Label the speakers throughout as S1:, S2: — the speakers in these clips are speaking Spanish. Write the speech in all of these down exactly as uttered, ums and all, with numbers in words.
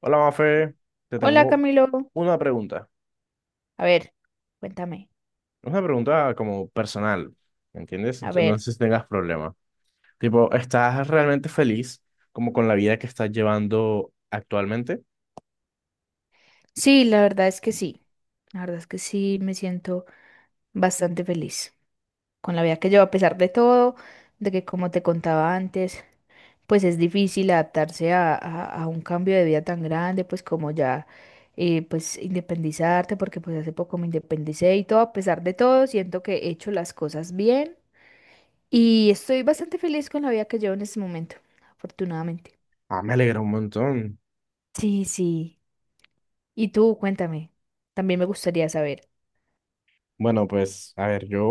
S1: Hola, Mafe, te
S2: Hola,
S1: tengo
S2: Camilo.
S1: una pregunta.
S2: A ver, cuéntame.
S1: Una pregunta como personal, ¿me entiendes?
S2: A
S1: Entonces, no
S2: ver.
S1: sé si tengas problema. Tipo, ¿estás realmente feliz como con la vida que estás llevando actualmente?
S2: Sí, la verdad es que sí. La verdad es que sí, me siento bastante feliz con la vida que llevo, a pesar de todo, de que como te contaba antes, pues es difícil adaptarse a, a- a un cambio de vida tan grande, pues como ya, eh, pues independizarte, porque pues hace poco me independicé y todo, a pesar de todo, siento que he hecho las cosas bien y estoy bastante feliz con la vida que llevo en este momento, afortunadamente.
S1: Ah, me alegra un montón.
S2: Sí, sí. Y tú, cuéntame, también me gustaría saber.
S1: Bueno, pues, a ver, yo...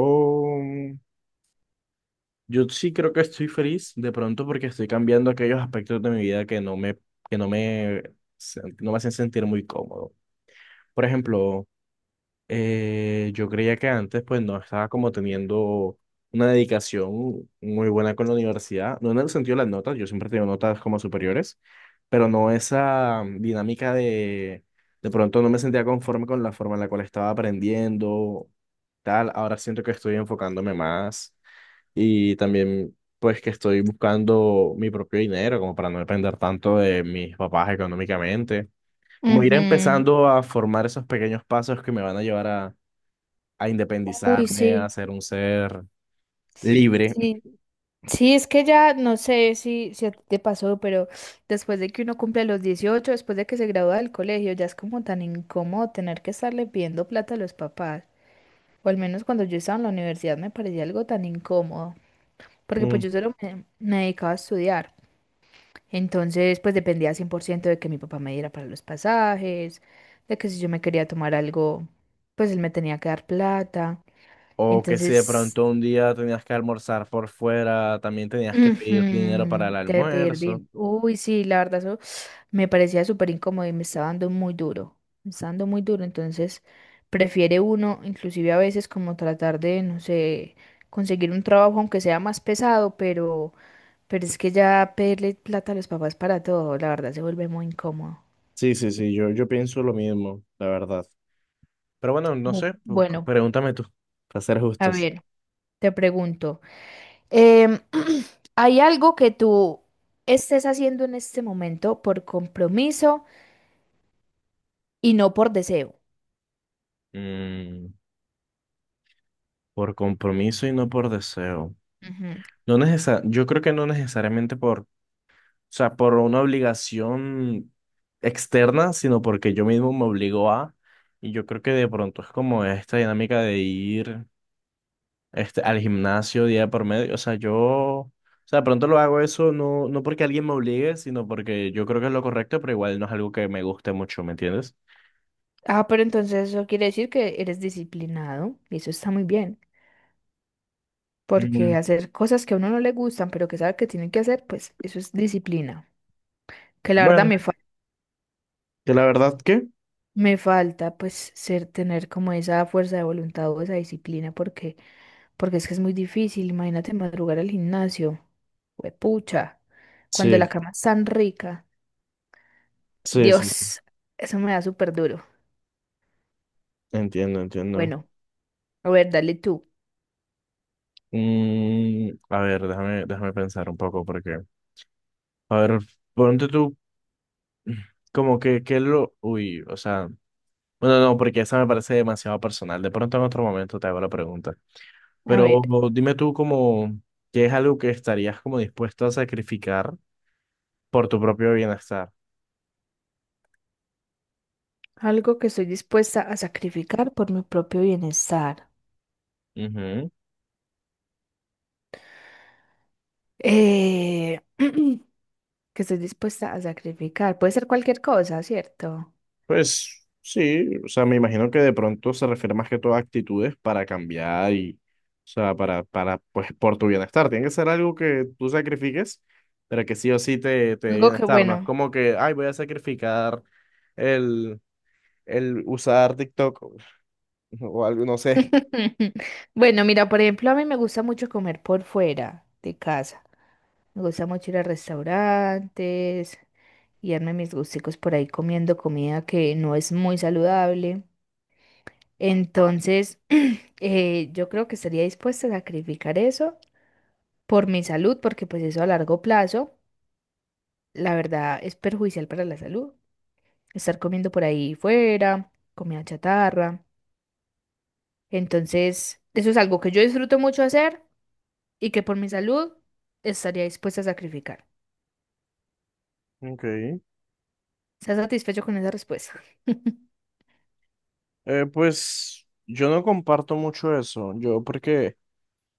S1: Yo sí creo que estoy feliz de pronto porque estoy cambiando aquellos aspectos de mi vida que no me, que no me, no me hacen sentir muy cómodo. Por ejemplo, Eh, yo creía que antes pues no estaba como teniendo una dedicación muy buena con la universidad, no en el sentido de las notas, yo siempre he notas como superiores, pero no esa dinámica de de pronto no me sentía conforme con la forma en la cual estaba aprendiendo, tal, ahora siento que estoy enfocándome más y también pues que estoy buscando mi propio dinero como para no depender tanto de mis papás económicamente, como ir
S2: Ujú.
S1: empezando a formar esos pequeños pasos que me van a llevar a a
S2: Uy,
S1: independizarme, a
S2: sí,
S1: ser un ser libre.
S2: sí. Sí, es que ya no sé si, si a ti te pasó, pero después de que uno cumple los dieciocho, después de que se gradúa del colegio, ya es como tan incómodo tener que estarle pidiendo plata a los papás. O al menos cuando yo estaba en la universidad me parecía algo tan incómodo, porque pues
S1: Mm.
S2: yo solo me, me dedicaba a estudiar. Entonces, pues dependía cien por ciento de que mi papá me diera para los pasajes, de que si yo me quería tomar algo, pues él me tenía que dar plata.
S1: O que si de
S2: Entonces,
S1: pronto un día tenías que almorzar por fuera, también tenías que pedir dinero para el
S2: ujú, te
S1: almuerzo.
S2: perdí. Uy, sí, la verdad, eso me parecía súper incómodo y me estaba dando muy duro. Me estaba dando muy duro. Entonces, prefiere uno, inclusive a veces, como tratar de, no sé, conseguir un trabajo, aunque sea más pesado, pero, pero es que ya pedirle plata a los papás para todo, la verdad, se vuelve muy incómodo.
S1: Sí, sí, sí, yo, yo pienso lo mismo, la verdad. Pero bueno, no
S2: Bu-
S1: sé, pu-
S2: Bueno,
S1: pregúntame tú, para ser
S2: a
S1: justos.
S2: ver, te pregunto, em, ¿hay algo que tú estés haciendo en este momento por compromiso y no por deseo?
S1: Mm, por compromiso y no por deseo.
S2: Ujú.
S1: No necesa- Yo creo que no necesariamente por o sea, por una obligación externa, sino porque yo mismo me obligo a, y yo creo que de pronto es como esta dinámica de ir este, al gimnasio día por medio. O sea, yo, o sea, de pronto lo hago eso no, no porque alguien me obligue, sino porque yo creo que es lo correcto, pero igual no es algo que me guste mucho, ¿me entiendes?
S2: Ah, pero entonces eso quiere decir que eres disciplinado y eso está muy bien,
S1: Mm,
S2: porque hacer cosas que a uno no le gustan, pero que sabe que tiene que hacer, pues eso es disciplina, que la verdad
S1: bueno,
S2: me falta.
S1: que la verdad que
S2: Me falta pues ser, tener como esa fuerza de voluntad o esa disciplina porque, porque es que es muy difícil. Imagínate madrugar al gimnasio. Huepucha. Cuando la
S1: sí,
S2: cama es tan rica.
S1: sí, sí,
S2: Dios, eso me da súper duro.
S1: entiendo, entiendo.
S2: Bueno, a ver, dale tú.
S1: Mm, a ver, déjame, déjame pensar un poco porque, a ver, ponte tú. Como que, que lo... Uy, o sea, bueno, no, porque esa me parece demasiado personal. De pronto en otro momento te hago la pregunta.
S2: A ver,
S1: Pero dime tú como, ¿qué es algo que estarías como dispuesto a sacrificar por tu propio bienestar?
S2: algo que estoy dispuesta a sacrificar por mi propio bienestar.
S1: Ujú.
S2: Eh, que estoy dispuesta a sacrificar. Puede ser cualquier cosa, ¿cierto?
S1: Pues sí, o sea, me imagino que de pronto se refiere más que todo a actitudes para cambiar y, o sea, para, para, pues, por tu bienestar. Tiene que ser algo que tú sacrifiques, pero que sí o sí te, te dé
S2: Algo que,
S1: bienestar. No es
S2: bueno.
S1: como que, ay, voy a sacrificar el, el usar TikTok o algo, no sé.
S2: Bueno, mira, por ejemplo, a mí me gusta mucho comer por fuera de casa. Me gusta mucho ir a restaurantes y darme mis gusticos por ahí comiendo comida que no es muy saludable. Entonces, eh, yo creo que estaría dispuesta a sacrificar eso por mi salud, porque pues eso a largo plazo, la verdad, es perjudicial para la salud. Estar comiendo por ahí fuera, comida chatarra. Entonces, eso es algo que yo disfruto mucho hacer y que por mi salud estaría dispuesta a sacrificar.
S1: Ok.
S2: ¿Estás satisfecho con esa respuesta?
S1: Eh, pues yo no comparto mucho eso. Yo porque,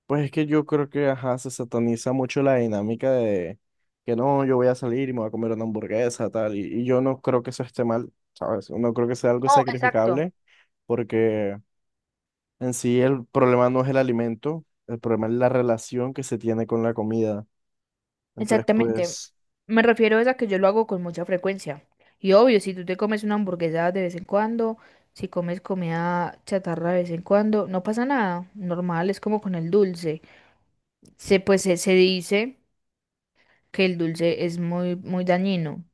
S1: pues es que yo creo que, ajá, se sataniza mucho la dinámica de que no, yo voy a salir y me voy a comer una hamburguesa, tal. Y, y yo no creo que eso esté mal, ¿sabes? No creo que sea algo
S2: No, exacto.
S1: sacrificable porque en sí el problema no es el alimento, el problema es la relación que se tiene con la comida. Entonces,
S2: Exactamente.
S1: pues,
S2: Me refiero es a que yo lo hago con mucha frecuencia. Y obvio, si tú te comes una hamburguesa de vez en cuando, si comes comida chatarra de vez en cuando, no pasa nada. Normal, es como con el dulce. Se, pues se, se dice que el dulce es muy, muy dañino.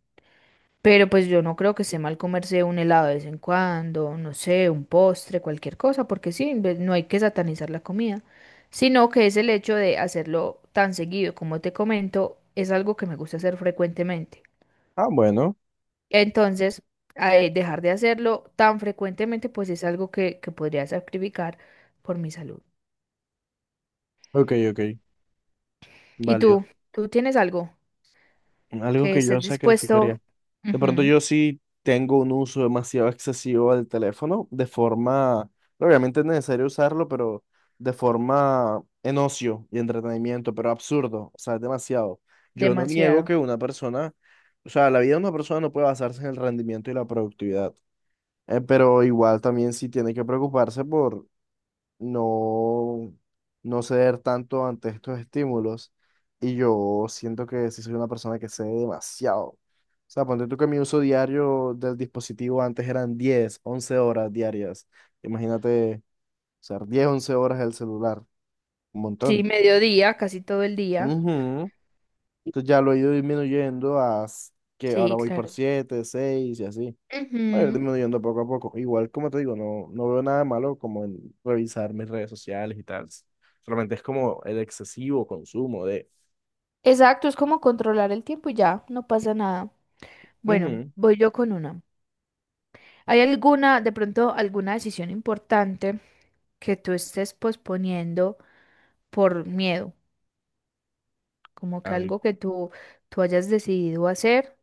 S2: Pero pues yo no creo que esté mal comerse un helado de vez en cuando, no sé, un postre, cualquier cosa, porque sí, en vez- no hay que satanizar la comida, sino que es el hecho de hacerlo tan seguido, como te comento, es algo que me gusta hacer frecuentemente.
S1: ah, bueno,
S2: Entonces, a- eh, dejar de hacerlo tan frecuentemente, pues es algo que, que podría sacrificar por mi salud.
S1: ok, ok,
S2: ¿Y
S1: válido.
S2: tú? ¿Tú tienes algo
S1: Algo
S2: que
S1: que yo
S2: estés dispuesto?
S1: sacrificaría. De pronto
S2: Ujú,
S1: yo sí tengo un uso demasiado excesivo del teléfono, de forma, obviamente es necesario usarlo, pero de forma en ocio y entretenimiento, pero absurdo, o sea, es demasiado. Yo no niego
S2: demasiado.
S1: que una persona, o sea, la vida de una persona no puede basarse en el rendimiento y la productividad, eh, pero igual también sí tiene que preocuparse por no, no ceder tanto ante estos estímulos. Y yo siento que sí soy una persona que cede demasiado. O sea, ponte tú que mi uso diario del dispositivo antes eran diez once horas diarias. Imagínate, o sea, diez, once horas el celular, un
S2: Sí,
S1: montón.
S2: mediodía, casi todo el día.
S1: Ujú. Entonces ya lo he ido disminuyendo a s- que ahora
S2: Sí,
S1: voy por
S2: claro.
S1: siete seis y así. Va a ir
S2: Ujú.
S1: disminuyendo poco a poco. Igual, como te digo, no, no veo nada de malo como en revisar mis redes sociales y tal. Solamente es como el excesivo consumo de...
S2: Exacto, es como controlar el tiempo y ya, no pasa nada. Bueno,
S1: ujú,
S2: voy yo con una. ¿Hay alguna, de pronto, alguna decisión importante que tú estés posponiendo por miedo? Como que algo
S1: algo.
S2: que tú, tú hayas decidido hacer,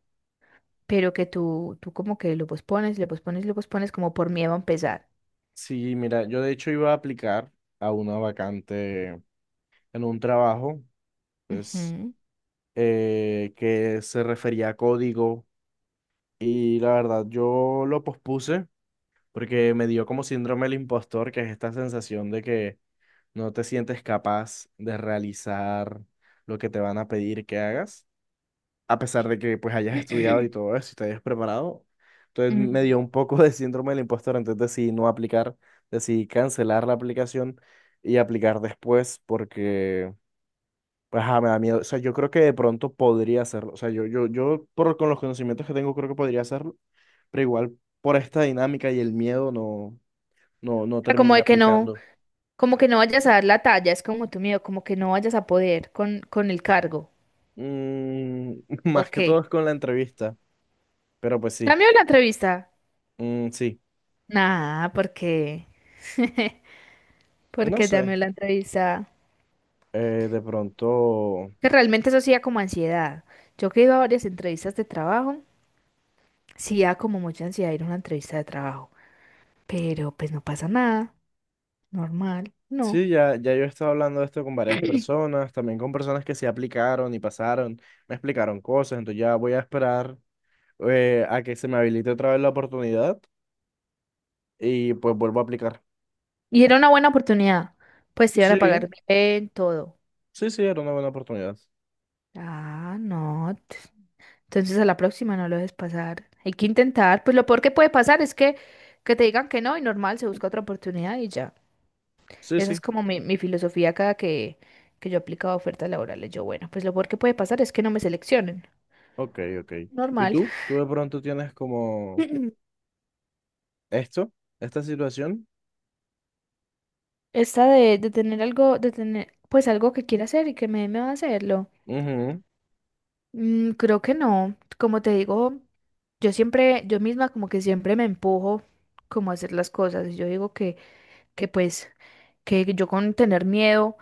S2: pero que tú, tú como que lo pospones, lo pospones, lo pospones como por miedo a empezar.
S1: Sí, mira, yo de hecho iba a aplicar a una vacante en un trabajo, pues,
S2: Ujú.
S1: eh, que se refería a código y la verdad yo lo pospuse porque me dio como síndrome del impostor, que es esta sensación de que no te sientes capaz de realizar lo que te van a pedir que hagas, a pesar de que pues hayas estudiado y todo eso y te hayas preparado. Entonces me dio
S2: Mm,
S1: un poco de síndrome del impostor, entonces decidí no aplicar, decidí cancelar la aplicación y aplicar después porque pues ajá, me da miedo. O sea, yo creo que de pronto podría hacerlo. O sea, yo, yo, yo por, con los conocimientos que tengo creo que podría hacerlo, pero igual por esta dinámica y el miedo no. No,
S2: o
S1: no
S2: sea, como
S1: terminé
S2: de que no,
S1: aplicando.
S2: como que no vayas a dar la talla, es como tu miedo, como que no vayas a poder con, con el cargo.
S1: Mm, más
S2: Ok.
S1: que todo es con la entrevista, pero pues sí,
S2: Cambio la entrevista.
S1: Mm, sí,
S2: Nada, porque,
S1: no
S2: porque ya
S1: sé,
S2: me la entrevista.
S1: eh, de pronto,
S2: Que realmente eso sí da como ansiedad. Yo que he ido a varias entrevistas de trabajo, sí da como mucha ansiedad ir a una entrevista de trabajo. Pero pues no pasa nada, normal, no.
S1: sí, ya, ya yo he estado hablando de esto con varias personas, también con personas que se aplicaron y pasaron, me explicaron cosas, entonces ya voy a esperar eh, a que se me habilite otra vez la oportunidad y pues vuelvo a aplicar.
S2: Y era una buena oportunidad. Pues te iban a
S1: Sí,
S2: pagar bien, todo.
S1: sí, sí, era una buena oportunidad.
S2: Ah, no. t- Entonces a la próxima no lo dejes pasar. Hay que intentar. Pues lo peor que puede pasar es que, que te digan que no y normal, se busca otra oportunidad y ya.
S1: Sí,
S2: Esa es
S1: sí,
S2: como mi, mi filosofía cada que, que yo aplicaba ofertas laborales. Yo, bueno, pues lo peor que puede pasar es que no me seleccionen.
S1: ok, ok. ¿Y
S2: Normal.
S1: tú? ¿Tú de pronto tienes como esto, esta situación?
S2: Esta de, de tener algo, de tener pues algo que quiera hacer y que me, me va a hacerlo.
S1: Ujú.
S2: Mm, creo que no. Como te digo, yo siempre, yo misma como que siempre me empujo como a hacer las cosas. Y yo digo que, que pues, que yo con tener miedo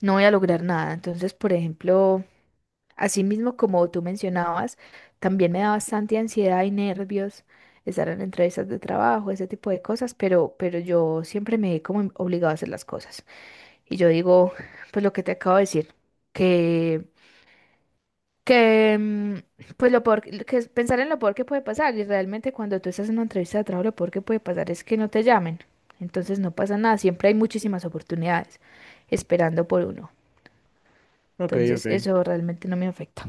S2: no voy a lograr nada. Entonces, por ejemplo. Asimismo, como tú mencionabas, también me da bastante ansiedad y nervios estar en entrevistas de trabajo, ese tipo de cosas, pero, pero yo siempre me he como obligado a hacer las cosas. Y yo digo, pues lo que te acabo de decir, que, que, mm, pues lo peor, que es pensar en lo peor que puede pasar. Y realmente cuando tú estás en una entrevista de trabajo, lo peor que puede pasar es que no te llamen. Entonces no pasa nada, siempre hay muchísimas oportunidades esperando por uno.
S1: Ok, ok,
S2: Entonces eso realmente no me afecta.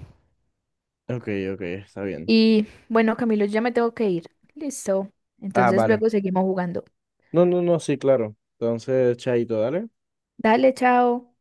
S1: ok, ok, está bien.
S2: Y bueno, Camilo, ya me tengo que ir. Listo.
S1: Ah,
S2: Entonces
S1: vale.
S2: luego seguimos jugando.
S1: No, no, no, sí, claro. Entonces, chaito, dale.
S2: Dale, chao.